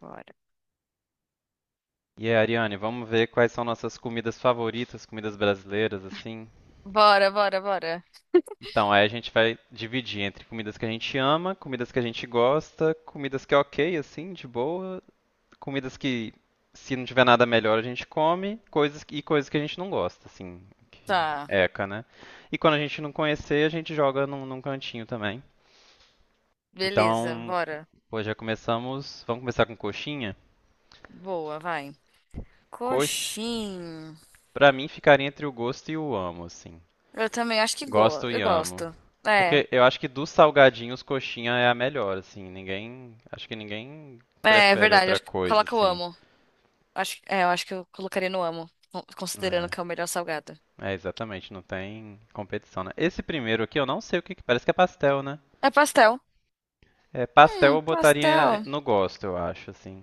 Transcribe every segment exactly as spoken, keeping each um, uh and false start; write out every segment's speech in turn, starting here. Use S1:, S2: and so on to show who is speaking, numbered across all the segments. S1: Bora.
S2: E aí, Ariane, vamos ver quais são nossas comidas favoritas, comidas brasileiras, assim.
S1: Bora, bora, bora.
S2: Então, aí a gente vai dividir entre comidas que a gente ama, comidas que a gente gosta, comidas que é ok, assim, de boa, comidas que, se não tiver nada melhor, a gente come, coisas e coisas que a gente não gosta, assim, que
S1: Tá.
S2: eca, né? E quando a gente não conhecer, a gente joga num, num cantinho também.
S1: Beleza,
S2: Então,
S1: bora.
S2: pô, já começamos. Vamos começar com coxinha?
S1: Boa, vai.
S2: Coxa,
S1: Coxim.
S2: pra mim, ficaria entre o gosto e o amo, assim.
S1: Eu também acho que go
S2: Gosto e
S1: eu
S2: amo.
S1: gosto. É.
S2: Porque eu acho que dos salgadinhos, coxinha é a melhor, assim. Ninguém. Acho que ninguém
S1: É, é
S2: prefere
S1: verdade.
S2: outra
S1: Acho que
S2: coisa,
S1: coloca o
S2: assim.
S1: amo. Acho, é, eu acho que eu colocaria no amo, con- considerando que é o melhor salgado.
S2: É, é, exatamente, não tem competição, né? Esse primeiro aqui, eu não sei o que. que- Parece que é pastel, né?
S1: É pastel.
S2: É, pastel
S1: Hum,
S2: eu botaria
S1: pastel.
S2: no gosto, eu acho, assim.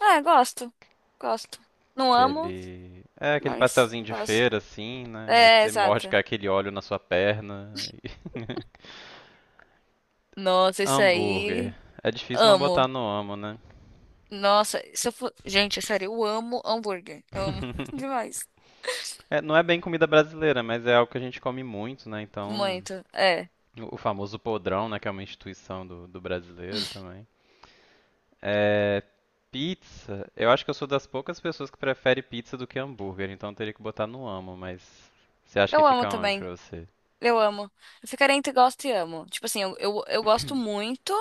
S1: É, gosto. Gosto. Não amo,
S2: Aquele. É, aquele
S1: mas
S2: pastelzinho de
S1: gosto.
S2: feira, assim, né? Aí
S1: É,
S2: você morde com
S1: exato.
S2: aquele óleo na sua perna.
S1: Nossa, isso
S2: Hambúrguer.
S1: aí.
S2: É difícil não botar
S1: Amo.
S2: no amo, né?
S1: Nossa, se eu for... Gente, é sério, eu amo hambúrguer. Amo demais.
S2: É, não é bem comida brasileira, mas é algo que a gente come muito, né? Então,
S1: Muito. É.
S2: o o famoso podrão, né? Que é uma instituição do, do brasileiro também. É, pizza, eu acho que eu sou das poucas pessoas que prefere pizza do que hambúrguer, então eu teria que botar no amo, mas você acha que
S1: Eu amo
S2: fica onde
S1: também.
S2: pra você?
S1: Eu amo. Eu ficaria entre gosto e amo. Tipo assim, eu, eu, eu gosto muito,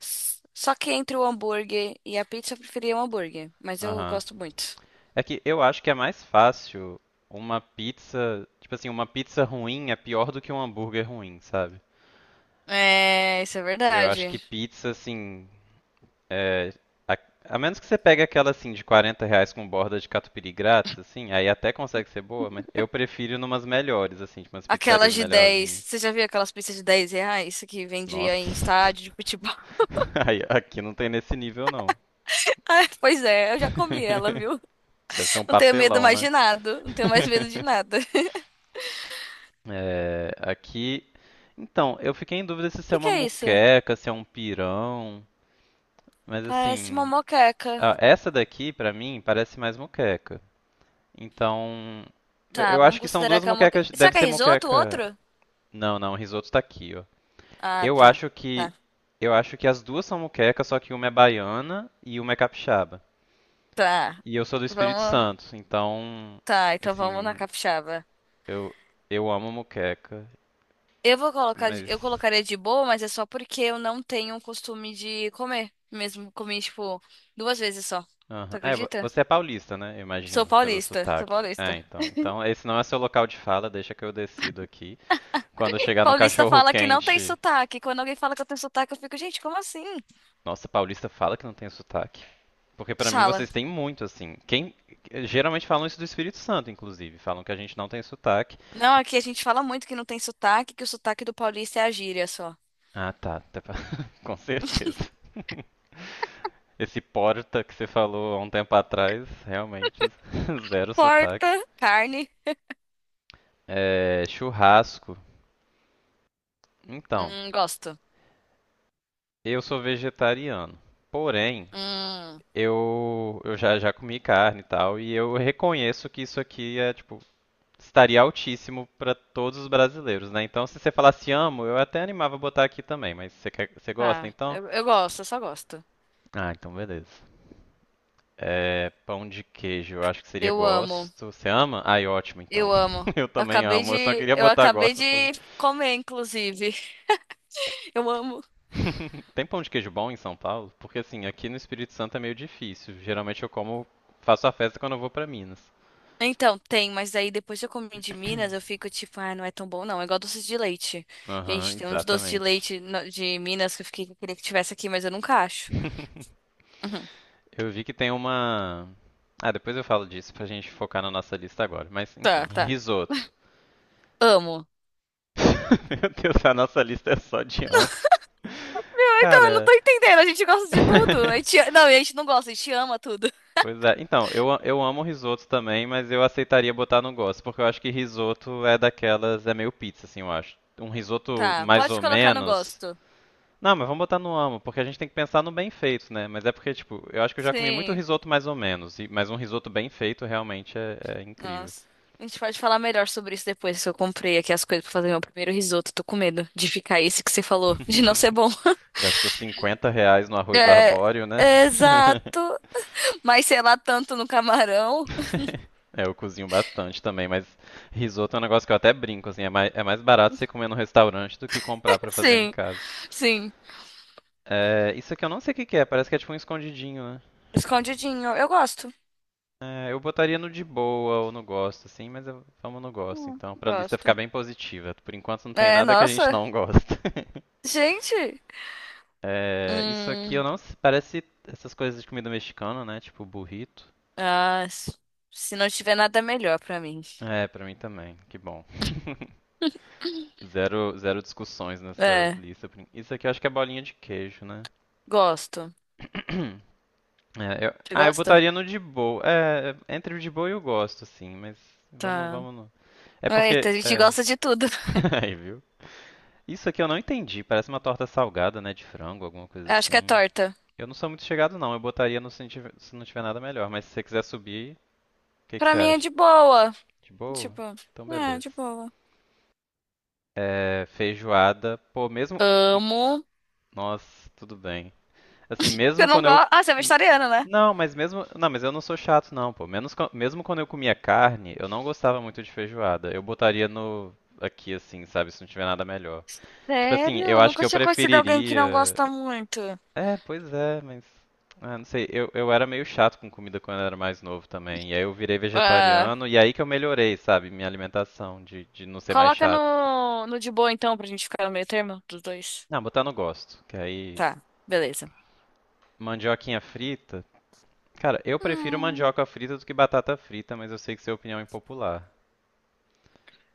S1: s- só que entre o hambúrguer e a pizza eu preferia o hambúrguer. Mas eu
S2: Aham.
S1: gosto muito.
S2: É que eu acho que é mais fácil uma pizza, tipo assim, uma pizza ruim é pior do que um hambúrguer ruim, sabe?
S1: É, isso é
S2: Eu acho
S1: verdade.
S2: que pizza, assim, é, a, a menos que você pegue aquela assim de quarenta reais com borda de catupiry grátis, assim, aí até consegue ser boa, mas eu prefiro numas melhores, assim, tipo umas pizzarias
S1: Aquelas de dez
S2: melhorzinhas.
S1: Você já viu aquelas pizzas de dez reais que vendia
S2: Nossa,
S1: em estádio de futebol?
S2: aí, aqui não tem nesse nível não.
S1: Ah, pois é, eu já comi ela, viu?
S2: Deve ser um
S1: Não tenho medo
S2: papelão,
S1: mais
S2: né?
S1: de nada. Não tenho mais medo de nada.
S2: É, aqui. Então, eu fiquei em dúvida se
S1: O
S2: isso é
S1: que que
S2: uma
S1: é isso?
S2: muqueca, se é um pirão, mas
S1: Parece uma
S2: assim,
S1: moqueca.
S2: ah, essa daqui pra mim parece mais muqueca. Então, eu
S1: Tá,
S2: eu
S1: vamos
S2: acho que são
S1: considerar
S2: duas
S1: que é uma moqueca.
S2: moquecas.
S1: Será
S2: Deve
S1: que é
S2: ser
S1: risoto
S2: moqueca.
S1: outro?
S2: Não, não, o risoto tá aqui, ó.
S1: Ah,
S2: Eu
S1: tá.
S2: acho que
S1: Tá.
S2: eu acho que as duas são moquecas, só que uma é baiana e uma é capixaba.
S1: Tá.
S2: E eu sou do Espírito
S1: Vamos.
S2: Santo, então,
S1: Tá, então vamos na
S2: assim,
S1: capixaba.
S2: eu eu amo moqueca,
S1: Eu vou colocar, de-
S2: mas
S1: eu colocaria de boa, mas é só porque eu não tenho o costume de comer. Mesmo comi, tipo, duas vezes só.
S2: aham.
S1: Tu
S2: É, vo-
S1: acredita?
S2: você é paulista, né? Eu
S1: Sou
S2: imagino, pelo
S1: paulista, sou
S2: sotaque.
S1: paulista.
S2: É, então. Então, esse não é seu local de fala, deixa que eu decido aqui. Quando eu chegar no
S1: Paulista
S2: cachorro
S1: fala que não tem
S2: quente.
S1: sotaque. Quando alguém fala que eu tenho sotaque, eu fico, gente, como assim?
S2: Nossa, paulista fala que não tem sotaque. Porque pra mim
S1: Fala.
S2: vocês têm muito, assim. Quem geralmente falam isso do Espírito Santo, inclusive, falam que a gente não tem sotaque.
S1: Não, aqui a gente fala muito que não tem sotaque, que o sotaque do paulista é a gíria só.
S2: Ah, tá, tá. Com certeza. Esse porta que você falou há um tempo atrás, realmente zero sotaque.
S1: Porta, carne.
S2: É, churrasco. Então,
S1: Hum, gosto.
S2: eu sou vegetariano. Porém,
S1: Hum,
S2: eu, eu já, já comi carne e tal, e eu reconheço que isso aqui é tipo estaria altíssimo para todos os brasileiros, né? Então, se você falasse amo, eu até animava a botar aqui também, mas você, quer- você gosta,
S1: tá.
S2: então?
S1: Eu, eu gosto, eu só gosto.
S2: Ah, então beleza. É, pão de queijo, eu acho que seria
S1: Eu amo,
S2: gosto. Você ama? Ai, ótimo, então.
S1: eu amo.
S2: Eu também
S1: acabei
S2: amo, eu só
S1: de,
S2: queria
S1: eu
S2: botar
S1: acabei
S2: gosto.
S1: de
S2: Por...
S1: comer, inclusive. Eu amo.
S2: Tem pão de queijo bom em São Paulo? Porque assim, aqui no Espírito Santo é meio difícil. Geralmente eu como, faço a festa quando eu vou para Minas.
S1: Então, tem, mas aí depois que eu comi de Minas, eu fico tipo, ah, não é tão bom, não. É igual doce de leite.
S2: Aham,
S1: Gente, tem um de doce de
S2: exatamente.
S1: leite no- de Minas que eu fiquei, queria que tivesse aqui, mas eu nunca acho. Uhum.
S2: Eu vi que tem uma. Ah, depois eu falo disso pra gente focar na nossa lista agora. Mas, enfim,
S1: Tá, tá.
S2: risoto.
S1: Amo.
S2: Meu Deus, a nossa lista é só de amo.
S1: Ah, então, eu não
S2: Cara.
S1: tô entendendo. A gente gosta de tudo. A gente, não, a gente não gosta, a gente ama tudo.
S2: Pois é. Então, eu, a- eu amo risoto também, mas eu aceitaria botar no gosto, porque eu acho que risoto é daquelas. É meio pizza, assim, eu acho. Um risoto
S1: Tá,
S2: mais ou
S1: pode colocar no
S2: menos.
S1: gosto.
S2: Não, mas vamos botar no amo, porque a gente tem que pensar no bem feito, né? Mas é porque, tipo, eu acho que eu já comi muito
S1: Sim.
S2: risoto mais ou menos, e- mas um risoto bem feito realmente é é incrível.
S1: Nossa. A gente pode falar melhor sobre isso depois, que eu comprei aqui as coisas pra fazer meu primeiro risoto. Tô com medo de ficar esse que você falou, de não ser bom.
S2: Gastou cinquenta reais no arroz arbóreo, né?
S1: Exato. Mas sei lá tanto no camarão.
S2: É, eu cozinho bastante também, mas risoto é um negócio que eu até brinco, assim, é mais, é mais barato você comer no restaurante do que comprar pra fazer em
S1: Sim,
S2: casa.
S1: sim.
S2: É, isso aqui eu não sei o que que é, parece que é tipo um escondidinho, né?
S1: Escondidinho. Eu gosto.
S2: É, eu botaria no de boa ou no gosto, assim, mas eu, vamos no gosto,
S1: Hum,
S2: então, pra lista ficar
S1: gosto.
S2: bem positiva. Por enquanto não tem
S1: É,
S2: nada que a gente
S1: nossa.
S2: não gosta.
S1: Gente.
S2: É, isso aqui eu
S1: Hum.
S2: não, s- parece essas coisas de comida mexicana, né? Tipo burrito.
S1: Ah, s- se não tiver nada melhor pra mim.
S2: É, pra mim também, que bom. Zero, zero discussões nessa
S1: É,
S2: lista. Isso aqui eu acho que é bolinha de queijo, né?
S1: gosto.
S2: É, eu-
S1: Você
S2: Ah, eu
S1: gosta?
S2: botaria no de boa. É, é, entre o de boa e o gosto, assim, mas vamos,
S1: Tá.
S2: vamos no. É
S1: Eita,
S2: porque.
S1: a gente
S2: É.
S1: gosta de tudo.
S2: Aí, viu? Isso aqui eu não entendi. Parece uma torta salgada, né? De frango, alguma coisa
S1: Acho que é
S2: assim.
S1: torta.
S2: Eu não sou muito chegado, não. Eu botaria no se não tiver, se não tiver nada melhor. Mas se você quiser subir, o que que
S1: Pra
S2: você
S1: mim é
S2: acha?
S1: de boa.
S2: De boa?
S1: Tipo,
S2: Então,
S1: é,
S2: beleza.
S1: de boa.
S2: É, feijoada. Pô, mesmo.
S1: Amo.
S2: Nossa, tudo bem. Assim,
S1: Eu
S2: mesmo
S1: não
S2: quando eu
S1: gosto. Ah, você é vegetariana, né?
S2: não, mas mesmo, não, mas eu não sou chato não, pô. Menos, quan- mesmo quando eu comia carne, eu não gostava muito de feijoada. Eu botaria no aqui assim, sabe, se não tiver nada melhor. Tipo assim,
S1: Sério?
S2: eu
S1: Eu
S2: acho que
S1: nunca
S2: eu
S1: tinha conhecido alguém que não
S2: preferiria.
S1: gosta muito.
S2: É, pois é, mas ah, não sei. Eu, eu era meio chato com comida quando eu era mais novo também. E aí eu virei
S1: Ah,
S2: vegetariano e aí que eu melhorei, sabe, minha alimentação de de não ser mais
S1: coloca
S2: chato.
S1: no, no de boa, então, pra gente ficar no meio termo dos dois.
S2: Não, botar no gosto, que aí
S1: Tá, beleza.
S2: mandioquinha frita. Cara, eu prefiro
S1: Hum,
S2: mandioca frita do que batata frita, mas eu sei que isso é opinião impopular.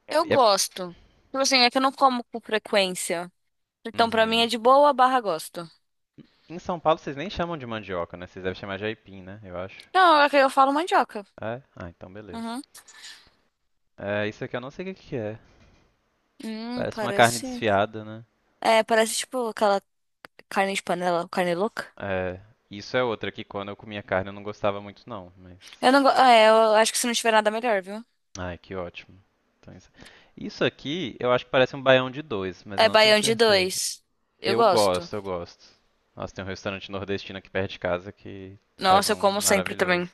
S1: Eu
S2: É-
S1: gosto. Tipo assim, é que eu não como com frequência. Então, pra mim é
S2: uhum.
S1: de boa barra gosto.
S2: Em São Paulo vocês nem chamam de mandioca, né? Vocês devem chamar de aipim, né? Eu acho.
S1: Não, é que eu falo mandioca.
S2: É? Ah, então beleza.
S1: Uhum.
S2: É, isso aqui eu não sei o que que é.
S1: Hum,
S2: Parece uma carne
S1: parece.
S2: desfiada, né?
S1: É, parece tipo aquela carne de panela, carne louca.
S2: É, isso é outra que quando eu comia carne eu não gostava muito não, mas...
S1: Eu não go... É, eu acho que se não tiver nada melhor, viu?
S2: Ai, que ótimo. Então, isso... isso aqui eu acho que parece um baião de dois, mas eu
S1: É
S2: não tenho
S1: baião de
S2: certeza.
S1: dois. Eu
S2: Eu
S1: gosto.
S2: gosto, eu gosto. Nossa, tem um restaurante nordestino aqui perto de casa que faz
S1: Nossa, eu
S2: um
S1: como sempre
S2: maravilhoso.
S1: também.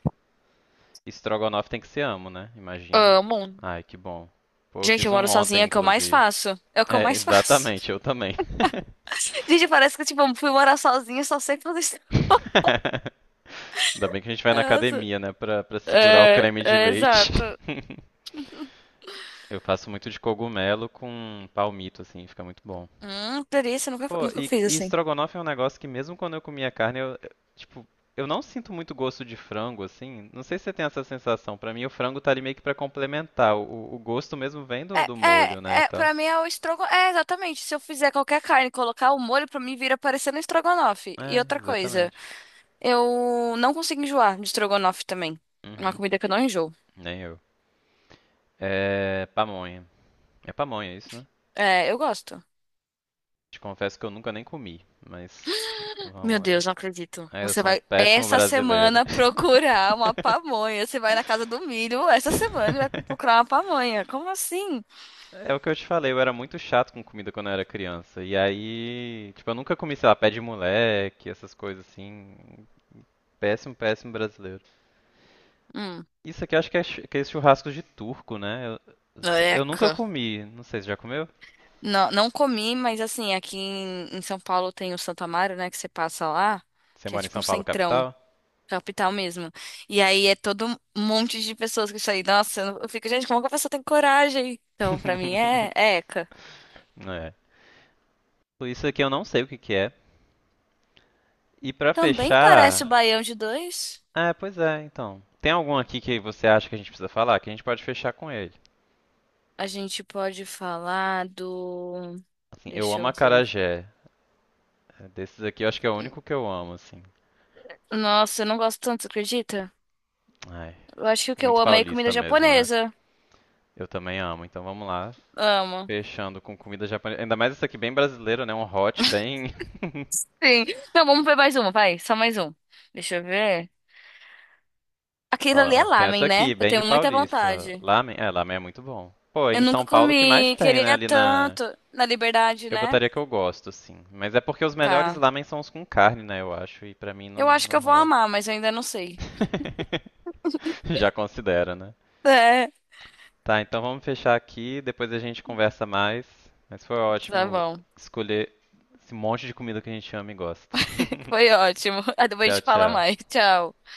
S2: Estrogonofe tem que ser amo, né? Imagino.
S1: Amo.
S2: Ai, que bom. Pô, eu
S1: Gente,
S2: fiz
S1: eu
S2: um
S1: moro sozinha,
S2: ontem,
S1: é o que eu mais
S2: inclusive.
S1: faço. É o que eu
S2: É,
S1: mais faço.
S2: exatamente, eu também.
S1: Gente, parece que, tipo, eu fui morar sozinha, só sei fazer isso.
S2: Ainda bem que a gente vai na
S1: Nossa.
S2: academia, né, pra, pra segurar o
S1: É,
S2: creme de
S1: é,
S2: leite.
S1: exato.
S2: Eu faço muito de cogumelo com palmito, assim, fica muito bom.
S1: Hum, delícia, nunca,
S2: Pô,
S1: nunca
S2: e,
S1: fiz
S2: e
S1: assim.
S2: estrogonofe é um negócio que mesmo quando eu comia carne, eu, eu- tipo, eu não sinto muito gosto de frango, assim. Não sei se você tem essa sensação. Pra mim, o frango tá ali meio que pra complementar. O, o gosto mesmo vem do,
S1: É,
S2: do
S1: é,
S2: molho, né, e
S1: é,
S2: tal.
S1: pra mim é o estrogo... é, exatamente. Se eu fizer qualquer carne, e colocar o molho, pra mim vira parecendo um estrogonofe. E
S2: É,
S1: outra coisa,
S2: exatamente.
S1: eu não consigo enjoar de estrogonofe também. É uma
S2: Uhum,
S1: comida que eu não enjoo.
S2: nem eu. É pamonha. É pamonha isso, né?
S1: É, eu gosto.
S2: Te confesso que eu nunca nem comi, mas
S1: Meu
S2: vamos lá.
S1: Deus, não acredito.
S2: É, eu
S1: Você
S2: sou um
S1: vai
S2: péssimo
S1: essa
S2: brasileiro.
S1: semana procurar uma pamonha. Você vai na casa do milho essa semana e vai procurar uma pamonha. Como assim?
S2: É o que eu te falei, eu era muito chato com comida quando eu era criança. E aí, tipo, eu nunca comi, sei lá, pé de moleque, essas coisas assim. Péssimo, péssimo brasileiro.
S1: Hum,
S2: Isso aqui eu acho que é chu- aqueles churrascos de turco, né? Eu, eu nunca
S1: eca.
S2: comi, não sei se já comeu?
S1: Não, não comi, mas assim, aqui em, em São Paulo tem o Santo Amaro, né? Que você passa lá,
S2: Você
S1: que é
S2: mora em
S1: tipo
S2: São
S1: um
S2: Paulo,
S1: centrão,
S2: capital?
S1: capital mesmo. E aí é todo um monte de pessoas que isso aí. Nossa, eu, não- eu fico, gente, como que a pessoa tem coragem? Então, pra mim é, é eca.
S2: É. Isso aqui eu não sei o que que é. E pra
S1: Também parece o
S2: fechar,
S1: baião de dois.
S2: é, pois é, então. Tem algum aqui que você acha que a gente precisa falar? Que a gente pode fechar com ele.
S1: A gente pode falar do.
S2: Assim, eu
S1: Deixa
S2: amo
S1: eu ver.
S2: acarajé. É, desses aqui eu acho que é o único que eu amo, assim.
S1: Nossa, eu não gosto tanto, você acredita?
S2: Ai,
S1: Eu acho que o que eu
S2: muito
S1: amo é comida
S2: paulista mesmo, né?
S1: japonesa.
S2: Eu também amo. Então vamos lá,
S1: Amo.
S2: fechando com comida japonesa. Ainda mais essa aqui bem brasileira, né? Um hot bem
S1: Sim. Não, vamos ver mais uma, vai. Só mais um. Deixa eu ver. Aquilo ali é
S2: Ó, tem essa
S1: lamen, né?
S2: aqui,
S1: Eu
S2: bem de
S1: tenho muita
S2: paulista.
S1: vontade.
S2: Lamen, é, lamen é muito bom. Pô, em
S1: Eu
S2: São
S1: nunca
S2: Paulo o que mais
S1: comi,
S2: tem, né?
S1: queria
S2: Ali na
S1: tanto. Na liberdade,
S2: eu
S1: né?
S2: botaria que eu gosto, sim. Mas é porque os melhores
S1: Tá.
S2: lamen são os com carne, né? Eu acho. E pra mim
S1: Eu
S2: não,
S1: acho que
S2: não
S1: eu vou
S2: rola.
S1: amar, mas eu ainda não sei.
S2: Já considera, né?
S1: É.
S2: Tá, então vamos fechar aqui. Depois a gente conversa mais. Mas foi
S1: Tá
S2: ótimo
S1: bom.
S2: escolher esse monte de comida que a gente ama e gosta.
S1: Foi ótimo. Aí depois a
S2: Tchau,
S1: gente fala
S2: tchau.
S1: mais. Tchau.